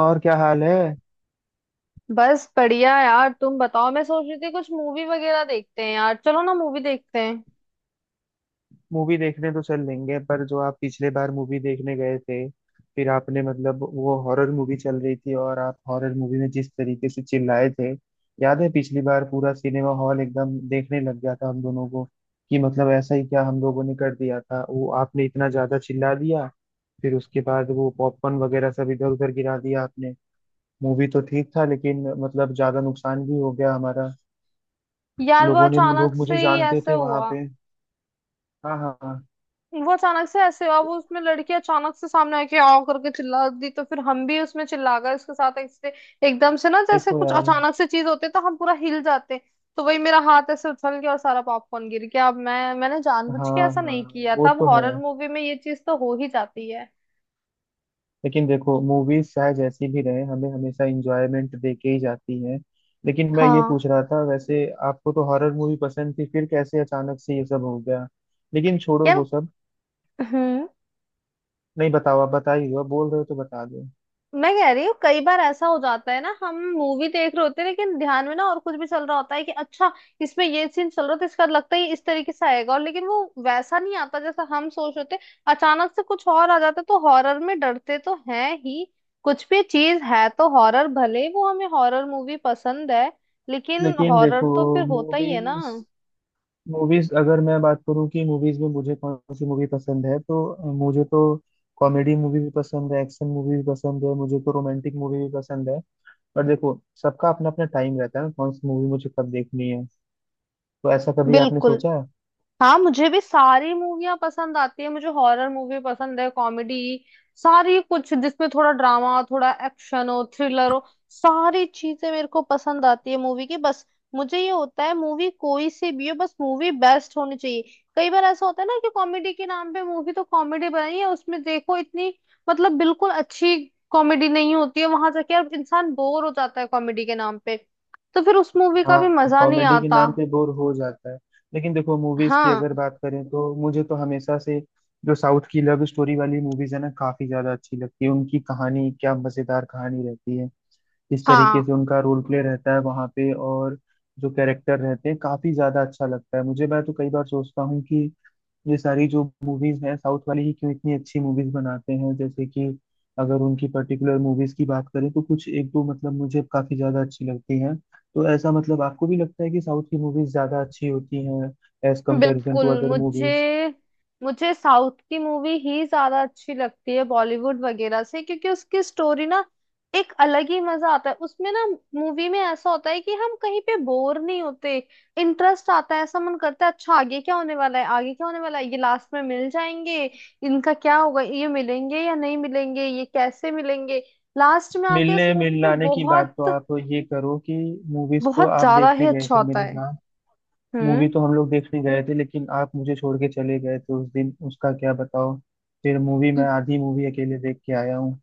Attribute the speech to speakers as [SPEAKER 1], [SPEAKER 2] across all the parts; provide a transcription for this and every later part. [SPEAKER 1] और क्या हाल है।
[SPEAKER 2] बस बढ़िया यार। तुम बताओ। मैं सोच रही थी कुछ मूवी वगैरह देखते हैं। यार चलो ना, मूवी देखते हैं।
[SPEAKER 1] मूवी देखने तो चल लेंगे पर जो आप पिछले बार मूवी देखने गए थे, फिर आपने मतलब वो हॉरर मूवी चल रही थी, और आप हॉरर मूवी में जिस तरीके से चिल्लाए थे, याद है पिछली बार पूरा सिनेमा हॉल एकदम देखने लग गया था हम दोनों को। कि मतलब ऐसा ही क्या हम लोगों ने कर दिया था, वो आपने इतना ज्यादा चिल्ला दिया, फिर उसके बाद वो पॉपकॉर्न वगैरह सब इधर उधर गिरा दिया आपने। मूवी तो ठीक था लेकिन मतलब ज्यादा नुकसान भी हो गया हमारा।
[SPEAKER 2] यार वो
[SPEAKER 1] लोगों ने,
[SPEAKER 2] अचानक
[SPEAKER 1] लोग मुझे
[SPEAKER 2] से ही
[SPEAKER 1] जानते
[SPEAKER 2] ऐसे
[SPEAKER 1] थे वहां
[SPEAKER 2] हुआ।
[SPEAKER 1] पे। हाँ हाँ हाँ।
[SPEAKER 2] वो अचानक से ऐसे हुआ। वो उसमें लड़की अचानक से सामने आके आव करके चिल्ला दी, तो फिर हम भी उसमें चिल्ला गए उसके साथ ऐसे। एकदम से ना जैसे
[SPEAKER 1] देखो
[SPEAKER 2] कुछ
[SPEAKER 1] यार।
[SPEAKER 2] अचानक से चीज होती है तो हम पूरा हिल जाते हैं। तो वही मेरा हाथ ऐसे उछल गया और सारा पॉपकॉर्न गिर गया। अब मैंने जानबूझ के
[SPEAKER 1] हाँ
[SPEAKER 2] ऐसा
[SPEAKER 1] हाँ,
[SPEAKER 2] नहीं किया
[SPEAKER 1] वो
[SPEAKER 2] था। अब
[SPEAKER 1] तो
[SPEAKER 2] हॉरर
[SPEAKER 1] है।
[SPEAKER 2] मूवी में ये चीज तो हो ही जाती है।
[SPEAKER 1] लेकिन देखो, मूवीज चाहे जैसी भी रहे, हमें हमेशा इंजॉयमेंट दे के ही जाती हैं। लेकिन मैं ये
[SPEAKER 2] हाँ।
[SPEAKER 1] पूछ रहा था, वैसे आपको तो हॉरर मूवी पसंद थी, फिर कैसे अचानक से ये सब हो गया। लेकिन छोड़ो
[SPEAKER 2] यार।
[SPEAKER 1] वो सब।
[SPEAKER 2] हम्म।
[SPEAKER 1] नहीं बताओ, आप बता ही दो, आप बोल रहे हो तो बता दो।
[SPEAKER 2] मैं कह रही हूँ कई बार ऐसा हो जाता है ना, हम मूवी देख रहे होते हैं लेकिन ध्यान में ना और कुछ भी चल रहा होता है कि अच्छा, इसमें ये सीन चल रहा है तो इसका लगता है ये इस तरीके से आएगा और लेकिन वो वैसा नहीं आता जैसा हम सोच रहे थे। अचानक से कुछ और आ जाता है, तो हॉरर में डरते तो हैं ही। कुछ भी चीज है तो हॉरर, भले वो हमें हॉरर मूवी पसंद है लेकिन
[SPEAKER 1] लेकिन
[SPEAKER 2] हॉरर
[SPEAKER 1] देखो
[SPEAKER 2] तो फिर होता ही है
[SPEAKER 1] मूवीज
[SPEAKER 2] ना।
[SPEAKER 1] मूवीज अगर मैं बात करूँ कि मूवीज में मुझे कौन सी मूवी पसंद है तो मुझे तो कॉमेडी मूवी भी पसंद है, एक्शन मूवी भी पसंद है, मुझे तो रोमांटिक मूवी भी पसंद है। पर देखो सबका अपना अपना टाइम रहता है ना, कौन सी मूवी मुझे कब देखनी है। तो ऐसा कभी आपने
[SPEAKER 2] बिल्कुल।
[SPEAKER 1] सोचा है।
[SPEAKER 2] हाँ मुझे भी सारी मूवियाँ पसंद आती है। मुझे हॉरर मूवी पसंद है, कॉमेडी, सारी कुछ, जिसमें थोड़ा ड्रामा हो, थोड़ा एक्शन हो, थ्रिलर हो, सारी चीजें मेरे को पसंद आती है मूवी की। बस मुझे ये होता है मूवी कोई सी भी हो, बस मूवी बेस्ट होनी चाहिए। कई बार ऐसा होता है ना कि कॉमेडी के नाम पे मूवी तो कॉमेडी बनाई है, उसमें देखो इतनी, मतलब बिल्कुल अच्छी कॉमेडी नहीं होती है। वहां जाके अब इंसान बोर हो जाता है कॉमेडी के नाम पे। तो फिर उस मूवी का भी
[SPEAKER 1] हाँ,
[SPEAKER 2] मजा नहीं
[SPEAKER 1] कॉमेडी के
[SPEAKER 2] आता।
[SPEAKER 1] नाम पे बोर हो जाता है। लेकिन देखो, मूवीज की
[SPEAKER 2] हाँ
[SPEAKER 1] अगर बात करें तो मुझे तो हमेशा से जो साउथ की लव स्टोरी वाली मूवीज है ना, काफी ज्यादा अच्छी लगती है। उनकी कहानी क्या मजेदार कहानी रहती है, जिस तरीके से
[SPEAKER 2] हाँ।
[SPEAKER 1] उनका रोल प्ले रहता है वहां पे, और जो कैरेक्टर रहते हैं, काफी ज्यादा अच्छा लगता है मुझे। मैं तो कई बार सोचता हूँ कि ये सारी जो मूवीज हैं, साउथ वाले ही क्यों इतनी अच्छी मूवीज बनाते हैं। जैसे कि अगर उनकी पर्टिकुलर मूवीज की बात करें तो कुछ एक दो, मतलब मुझे काफी ज्यादा अच्छी लगती हैं। तो ऐसा मतलब आपको भी लगता है कि साउथ की मूवीज ज्यादा अच्छी होती हैं एज कंपेरिजन
[SPEAKER 2] बिल्कुल।
[SPEAKER 1] To other movies.
[SPEAKER 2] मुझे मुझे साउथ की मूवी ही ज्यादा अच्छी लगती है बॉलीवुड वगैरह से, क्योंकि उसकी स्टोरी ना एक अलग ही मजा आता है उसमें ना। मूवी में ऐसा होता है कि हम कहीं पे बोर नहीं होते। इंटरेस्ट आता है, ऐसा मन करता है अच्छा आगे क्या होने वाला है, आगे क्या होने वाला है, ये लास्ट में मिल जाएंगे, इनका क्या होगा, ये मिलेंगे या नहीं मिलेंगे, ये कैसे मिलेंगे। लास्ट में आके उस
[SPEAKER 1] मिलने
[SPEAKER 2] मूवी में
[SPEAKER 1] मिलाने की बात तो
[SPEAKER 2] बहुत
[SPEAKER 1] आप ये करो कि मूवीज तो
[SPEAKER 2] बहुत
[SPEAKER 1] आप
[SPEAKER 2] ज्यादा ही
[SPEAKER 1] देखने गए
[SPEAKER 2] अच्छा
[SPEAKER 1] थे
[SPEAKER 2] होता
[SPEAKER 1] मेरे
[SPEAKER 2] है।
[SPEAKER 1] साथ, मूवी तो हम लोग देखने गए थे लेकिन आप मुझे छोड़ के चले गए थे उस दिन, उसका क्या बताओ। फिर मूवी, मैं
[SPEAKER 2] हम्म।
[SPEAKER 1] आधी मूवी अकेले देख के आया हूँ।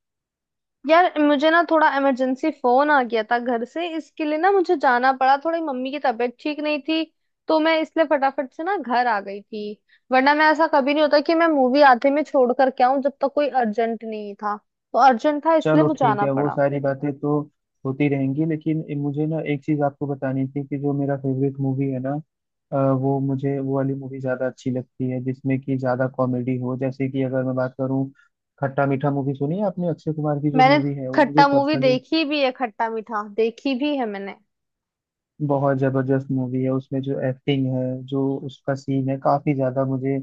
[SPEAKER 2] यार मुझे ना थोड़ा इमरजेंसी फोन आ गया था घर से, इसके लिए ना मुझे जाना पड़ा। थोड़ी मम्मी की तबीयत ठीक नहीं थी, तो मैं इसलिए फटाफट से ना घर आ गई थी। वरना मैं ऐसा कभी नहीं होता कि मैं मूवी आधे में छोड़ कर के आऊं। जब तक कोई अर्जेंट नहीं, था तो अर्जेंट, था इसलिए
[SPEAKER 1] चलो
[SPEAKER 2] मुझे
[SPEAKER 1] ठीक
[SPEAKER 2] आना
[SPEAKER 1] है, वो
[SPEAKER 2] पड़ा।
[SPEAKER 1] सारी बातें तो होती रहेंगी, लेकिन मुझे ना एक चीज आपको बतानी थी कि जो मेरा फेवरेट मूवी है ना, वो मुझे वो वाली मूवी ज्यादा अच्छी लगती है जिसमें कि ज्यादा कॉमेडी हो। जैसे कि अगर मैं बात करूँ, खट्टा मीठा मूवी सुनी है आपने, अक्षय कुमार की जो
[SPEAKER 2] मैंने
[SPEAKER 1] मूवी है, वो मुझे
[SPEAKER 2] खट्टा मूवी
[SPEAKER 1] पर्सनली
[SPEAKER 2] देखी भी है, खट्टा मीठा देखी भी है मैंने।
[SPEAKER 1] बहुत जबरदस्त मूवी है। उसमें जो एक्टिंग है, जो उसका सीन है, काफी ज्यादा मुझे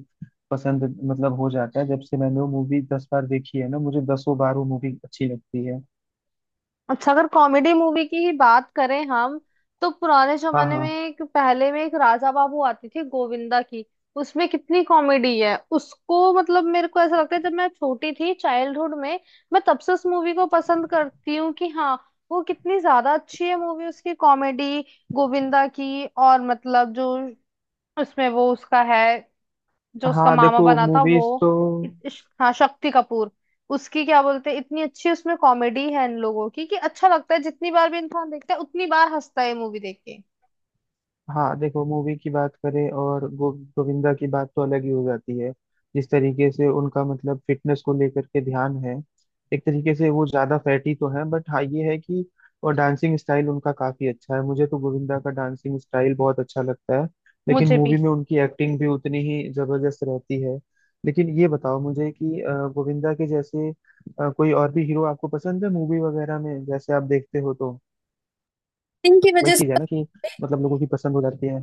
[SPEAKER 1] पसंद मतलब हो जाता है। जब से मैंने वो मूवी 10 बार देखी है ना, मुझे दसों बार वो मूवी अच्छी लगती है।
[SPEAKER 2] अच्छा, अगर कॉमेडी मूवी की ही बात करें हम तो पुराने
[SPEAKER 1] हाँ
[SPEAKER 2] जमाने में
[SPEAKER 1] हाँ
[SPEAKER 2] एक, पहले में एक राजा बाबू आती थी गोविंदा की। उसमें कितनी कॉमेडी है उसको, मतलब मेरे को ऐसा लगता है जब मैं छोटी थी चाइल्डहुड में, मैं तब से उस मूवी को पसंद करती हूँ कि हाँ, वो कितनी ज्यादा अच्छी है मूवी, उसकी कॉमेडी, गोविंदा की, और मतलब जो उसमें वो उसका है, जो उसका
[SPEAKER 1] हाँ,
[SPEAKER 2] मामा
[SPEAKER 1] देखो
[SPEAKER 2] बना था वो,
[SPEAKER 1] मूवीज तो।
[SPEAKER 2] हाँ, शक्ति कपूर, उसकी क्या बोलते हैं, इतनी अच्छी उसमें कॉमेडी है इन लोगों की कि अच्छा लगता है। जितनी बार भी इंसान देखता है उतनी बार हंसता है मूवी देख के।
[SPEAKER 1] हाँ देखो, मूवी की बात करें और गोविंदा की बात तो अलग ही हो जाती है। जिस तरीके से उनका मतलब फिटनेस को लेकर के ध्यान है, एक तरीके से वो ज्यादा फैटी तो है, बट हाँ ये है कि और डांसिंग स्टाइल उनका काफी अच्छा है। मुझे तो गोविंदा का डांसिंग स्टाइल बहुत अच्छा लगता है। लेकिन
[SPEAKER 2] मुझे भी
[SPEAKER 1] मूवी में उनकी एक्टिंग भी उतनी ही जबरदस्त रहती है। लेकिन ये बताओ मुझे कि गोविंदा के जैसे कोई और भी हीरो आपको पसंद है मूवी वगैरह में, जैसे आप देखते हो तो।
[SPEAKER 2] इनकी
[SPEAKER 1] वही
[SPEAKER 2] वजह
[SPEAKER 1] चीज है
[SPEAKER 2] से,
[SPEAKER 1] ना कि मतलब लोगों की पसंद हो जाती है।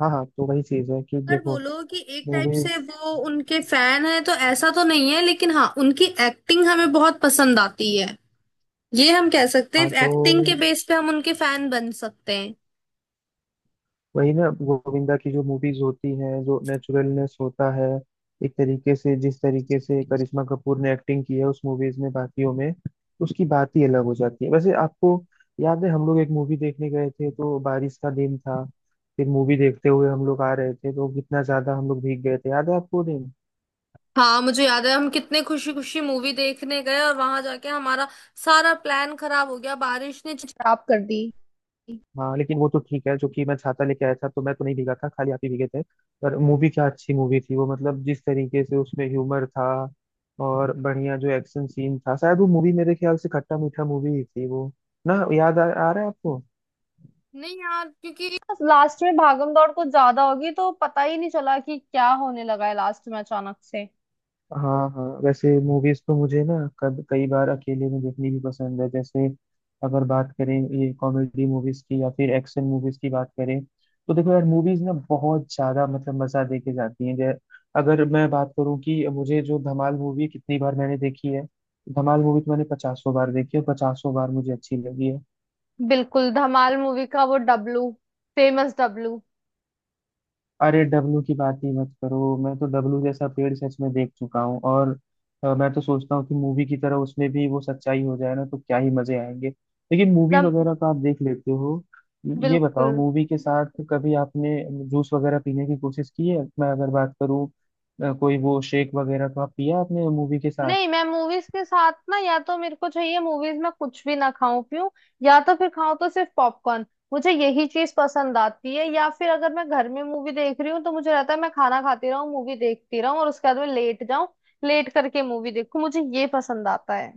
[SPEAKER 1] हाँ हाँ, तो वही चीज है कि
[SPEAKER 2] अगर
[SPEAKER 1] देखो
[SPEAKER 2] बोलो कि एक टाइप से
[SPEAKER 1] मूवीज।
[SPEAKER 2] वो उनके फैन है तो ऐसा तो नहीं है, लेकिन हाँ उनकी एक्टिंग हमें बहुत पसंद आती है। ये हम कह सकते
[SPEAKER 1] हाँ
[SPEAKER 2] हैं,
[SPEAKER 1] तो
[SPEAKER 2] एक्टिंग के बेस पे हम उनके फैन बन सकते हैं।
[SPEAKER 1] वही ना, गोविंदा की जो मूवीज होती हैं, जो नेचुरलनेस होता है एक तरीके से, जिस तरीके से करिश्मा कपूर ने एक्टिंग की है उस मूवीज में, बाकियों में उसकी बात ही अलग हो जाती है। वैसे आपको याद है, हम लोग एक मूवी देखने गए थे तो बारिश का दिन था, फिर मूवी देखते हुए हम लोग आ रहे थे तो कितना ज्यादा हम लोग भीग गए थे, याद है आपको वो दिन।
[SPEAKER 2] हाँ मुझे याद है हम कितने खुशी खुशी मूवी देखने गए और वहां जाके हमारा सारा प्लान खराब हो गया। बारिश ने खराब कर दी।
[SPEAKER 1] हाँ लेकिन वो तो ठीक है, जो कि मैं छाता लेके आया था तो मैं तो नहीं भीगा था, खाली आप ही भीगे थे। पर मूवी क्या अच्छी मूवी थी वो, मतलब जिस तरीके से उसमें ह्यूमर था और बढ़िया जो एक्शन सीन था। शायद वो मूवी मेरे ख्याल से खट्टा मीठा मूवी ही थी वो ना, याद आ रहा है आपको।
[SPEAKER 2] नहीं यार, क्योंकि लास्ट में भागम दौड़ कुछ ज्यादा होगी तो पता ही नहीं चला कि क्या होने लगा है लास्ट में अचानक से।
[SPEAKER 1] हाँ हाँ, वैसे मूवीज तो मुझे ना कब कई बार अकेले में देखनी भी पसंद है। जैसे अगर बात करें ये कॉमेडी मूवीज की या फिर एक्शन मूवीज की बात करें, तो देखो यार मूवीज ना बहुत ज्यादा मतलब मजा दे के जाती हैं। जै अगर मैं बात करूँ कि मुझे जो धमाल मूवी कितनी बार मैंने देखी है, धमाल मूवी तो मैंने पचासों बार देखी है, पचासों बार मुझे अच्छी लगी है।
[SPEAKER 2] बिल्कुल, धमाल मूवी का वो डब्लू, फेमस डब्लू,
[SPEAKER 1] अरे डब्लू की बात ही मत करो, मैं तो डब्लू जैसा पेड़ सच में देख चुका हूँ। और मैं तो सोचता हूँ कि मूवी की तरह उसमें भी वो सच्चाई हो जाए ना तो क्या ही मजे आएंगे। लेकिन मूवी
[SPEAKER 2] दम।
[SPEAKER 1] वगैरह तो आप देख लेते हो, ये बताओ
[SPEAKER 2] बिल्कुल
[SPEAKER 1] मूवी के साथ कभी आपने जूस वगैरह पीने की कोशिश की है। मैं अगर बात करूँ, कोई वो शेक वगैरह तो आप पिया आपने मूवी के साथ।
[SPEAKER 2] नहीं, मैं मूवीज के साथ ना या तो मेरे को चाहिए मूवीज में कुछ भी ना खाऊं पीऊं, या तो फिर खाऊं तो सिर्फ पॉपकॉर्न। मुझे यही चीज पसंद आती है। या फिर अगर मैं घर में मूवी देख रही हूँ तो मुझे रहता है मैं खाना खाती रहूं, मूवी देखती रहूं और उसके बाद में लेट जाऊं। लेट करके मूवी देखूं, मुझे ये पसंद आता है।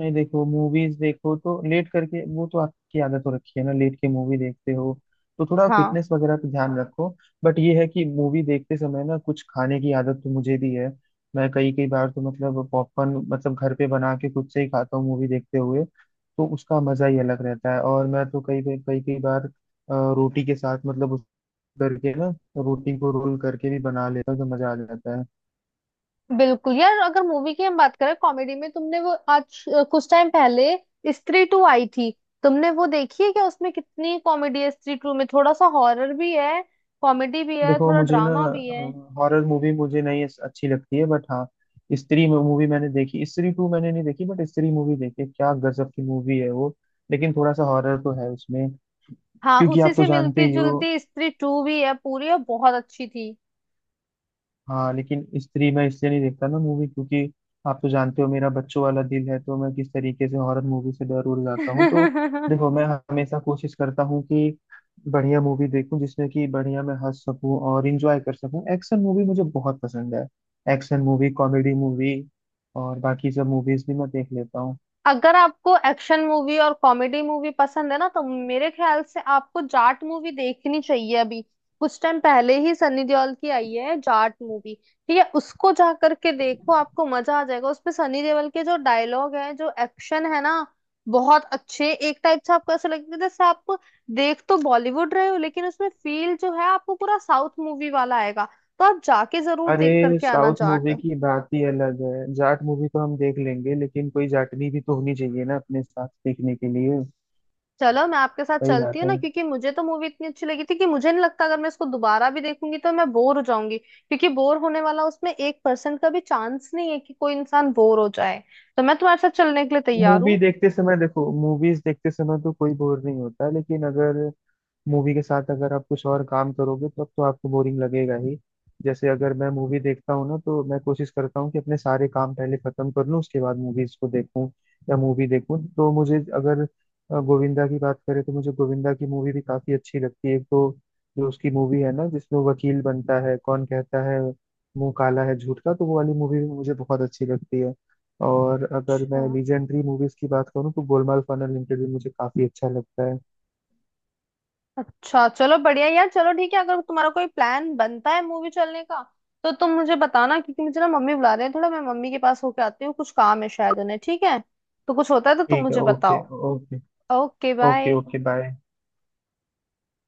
[SPEAKER 1] नहीं, देखो मूवीज, देखो तो लेट करके, वो तो आपकी आदत हो रखी है ना लेट के मूवी देखते हो, तो थोड़ा
[SPEAKER 2] हाँ
[SPEAKER 1] फिटनेस वगैरह पे ध्यान रखो। बट ये है कि मूवी देखते समय ना कुछ खाने की आदत तो मुझे भी है। मैं कई कई बार तो मतलब पॉपकॉर्न मतलब घर पे बना के खुद से ही खाता हूँ मूवी देखते हुए, तो उसका मजा ही अलग रहता है। और मैं तो कई कई कई कई बार रोटी के साथ, मतलब उस करके ना रोटी को रोल करके भी बना लेता हूँ तो मजा आ जाता है।
[SPEAKER 2] बिल्कुल यार। अगर मूवी की हम बात करें, कॉमेडी में तुमने वो आज कुछ टाइम पहले स्त्री टू आई थी, तुमने वो देखी है क्या? उसमें कितनी कॉमेडी है। स्त्री टू में थोड़ा सा हॉरर भी है, कॉमेडी भी है,
[SPEAKER 1] देखो
[SPEAKER 2] थोड़ा
[SPEAKER 1] मुझे ना
[SPEAKER 2] ड्रामा भी है।
[SPEAKER 1] हॉरर मूवी मुझे नहीं अच्छी लगती है, बट हाँ स्त्री मूवी मैंने देखी, स्त्री टू मैंने नहीं देखी, बट स्त्री मूवी देखी, क्या गजब की मूवी है वो। लेकिन थोड़ा सा हॉरर तो है उसमें,
[SPEAKER 2] हाँ
[SPEAKER 1] क्योंकि
[SPEAKER 2] उसी
[SPEAKER 1] आप तो
[SPEAKER 2] से मिलती
[SPEAKER 1] जानते ही हो।
[SPEAKER 2] जुलती स्त्री टू भी है पूरी, और बहुत अच्छी
[SPEAKER 1] हाँ लेकिन स्त्री मैं इसलिए नहीं देखता ना मूवी, क्योंकि आप तो जानते हो मेरा बच्चों वाला दिल है, तो मैं किस तरीके से हॉरर मूवी से डर उड़ जाता हूँ तो।
[SPEAKER 2] थी।
[SPEAKER 1] देखो मैं हमेशा कोशिश करता हूँ कि बढ़िया मूवी देखूं, जिसमें कि बढ़िया मैं हंस सकूं और इंजॉय कर सकूं। एक्शन मूवी मुझे बहुत पसंद है, एक्शन मूवी, कॉमेडी मूवी, और बाकी सब मूवीज भी मैं देख लेता हूँ।
[SPEAKER 2] अगर आपको एक्शन मूवी और कॉमेडी मूवी पसंद है ना, तो मेरे ख्याल से आपको जाट मूवी देखनी चाहिए। अभी कुछ टाइम पहले ही सनी देओल की आई है जाट मूवी। ठीक है, उसको जा करके देखो, आपको मजा आ जाएगा। उसमें सनी देओल के जो डायलॉग है, जो एक्शन है ना, बहुत अच्छे। एक टाइप से आपको ऐसा लगेगा जैसे आप देख तो बॉलीवुड रहे हो लेकिन उसमें फील जो है आपको पूरा साउथ मूवी वाला आएगा। तो आप जाके जरूर देख
[SPEAKER 1] अरे
[SPEAKER 2] करके आना
[SPEAKER 1] साउथ
[SPEAKER 2] जाट।
[SPEAKER 1] मूवी की बात ही अलग है, जाट मूवी तो हम देख लेंगे लेकिन कोई जाटनी भी तो होनी चाहिए ना अपने साथ देखने के लिए।
[SPEAKER 2] चलो मैं आपके साथ
[SPEAKER 1] सही
[SPEAKER 2] चलती
[SPEAKER 1] बात
[SPEAKER 2] हूँ
[SPEAKER 1] है।
[SPEAKER 2] ना, क्योंकि मुझे तो मूवी इतनी अच्छी लगी थी कि मुझे नहीं लगता अगर मैं इसको दोबारा भी देखूंगी तो मैं बोर हो जाऊंगी, क्योंकि बोर होने वाला उसमें 1% का भी चांस नहीं है कि कोई इंसान बोर हो जाए। तो मैं तुम्हारे साथ चलने के लिए तैयार
[SPEAKER 1] मूवी
[SPEAKER 2] हूँ।
[SPEAKER 1] देखते समय, देखो मूवीज देखते समय तो कोई बोर नहीं होता, लेकिन अगर मूवी के साथ अगर आप कुछ और काम करोगे तब तो आपको बोरिंग लगेगा ही। जैसे अगर मैं मूवी देखता हूँ ना, तो मैं कोशिश करता हूँ कि अपने सारे काम पहले खत्म कर लूँ, उसके बाद मूवीज को देखूँ। या मूवी देखूँ तो मुझे, अगर गोविंदा की बात करें तो मुझे गोविंदा की मूवी भी काफी अच्छी लगती है। एक तो जो उसकी मूवी है ना जिसमें वो वकील बनता है, कौन कहता है मुंह काला है झूठ का, तो वो वाली मूवी भी मुझे बहुत अच्छी लगती है। और अगर
[SPEAKER 2] अच्छा।
[SPEAKER 1] मैं लीजेंडरी मूवीज की बात करूँ तो गोलमाल फन अनलिमिटेड भी मुझे काफी अच्छा लगता है।
[SPEAKER 2] अच्छा चलो बढ़िया यार, चलो ठीक है, अगर तुम्हारा कोई प्लान बनता है मूवी चलने का तो तुम मुझे बताना, क्योंकि मुझे ना मम्मी बुला रहे हैं थोड़ा, मैं मम्मी के पास होके आती हूँ, कुछ काम है शायद उन्हें। ठीक है, तो कुछ होता है तो तुम
[SPEAKER 1] ठीक है,
[SPEAKER 2] मुझे
[SPEAKER 1] ओके।
[SPEAKER 2] बताओ।
[SPEAKER 1] Okay.
[SPEAKER 2] Okay
[SPEAKER 1] okay
[SPEAKER 2] bye.
[SPEAKER 1] Okay bye.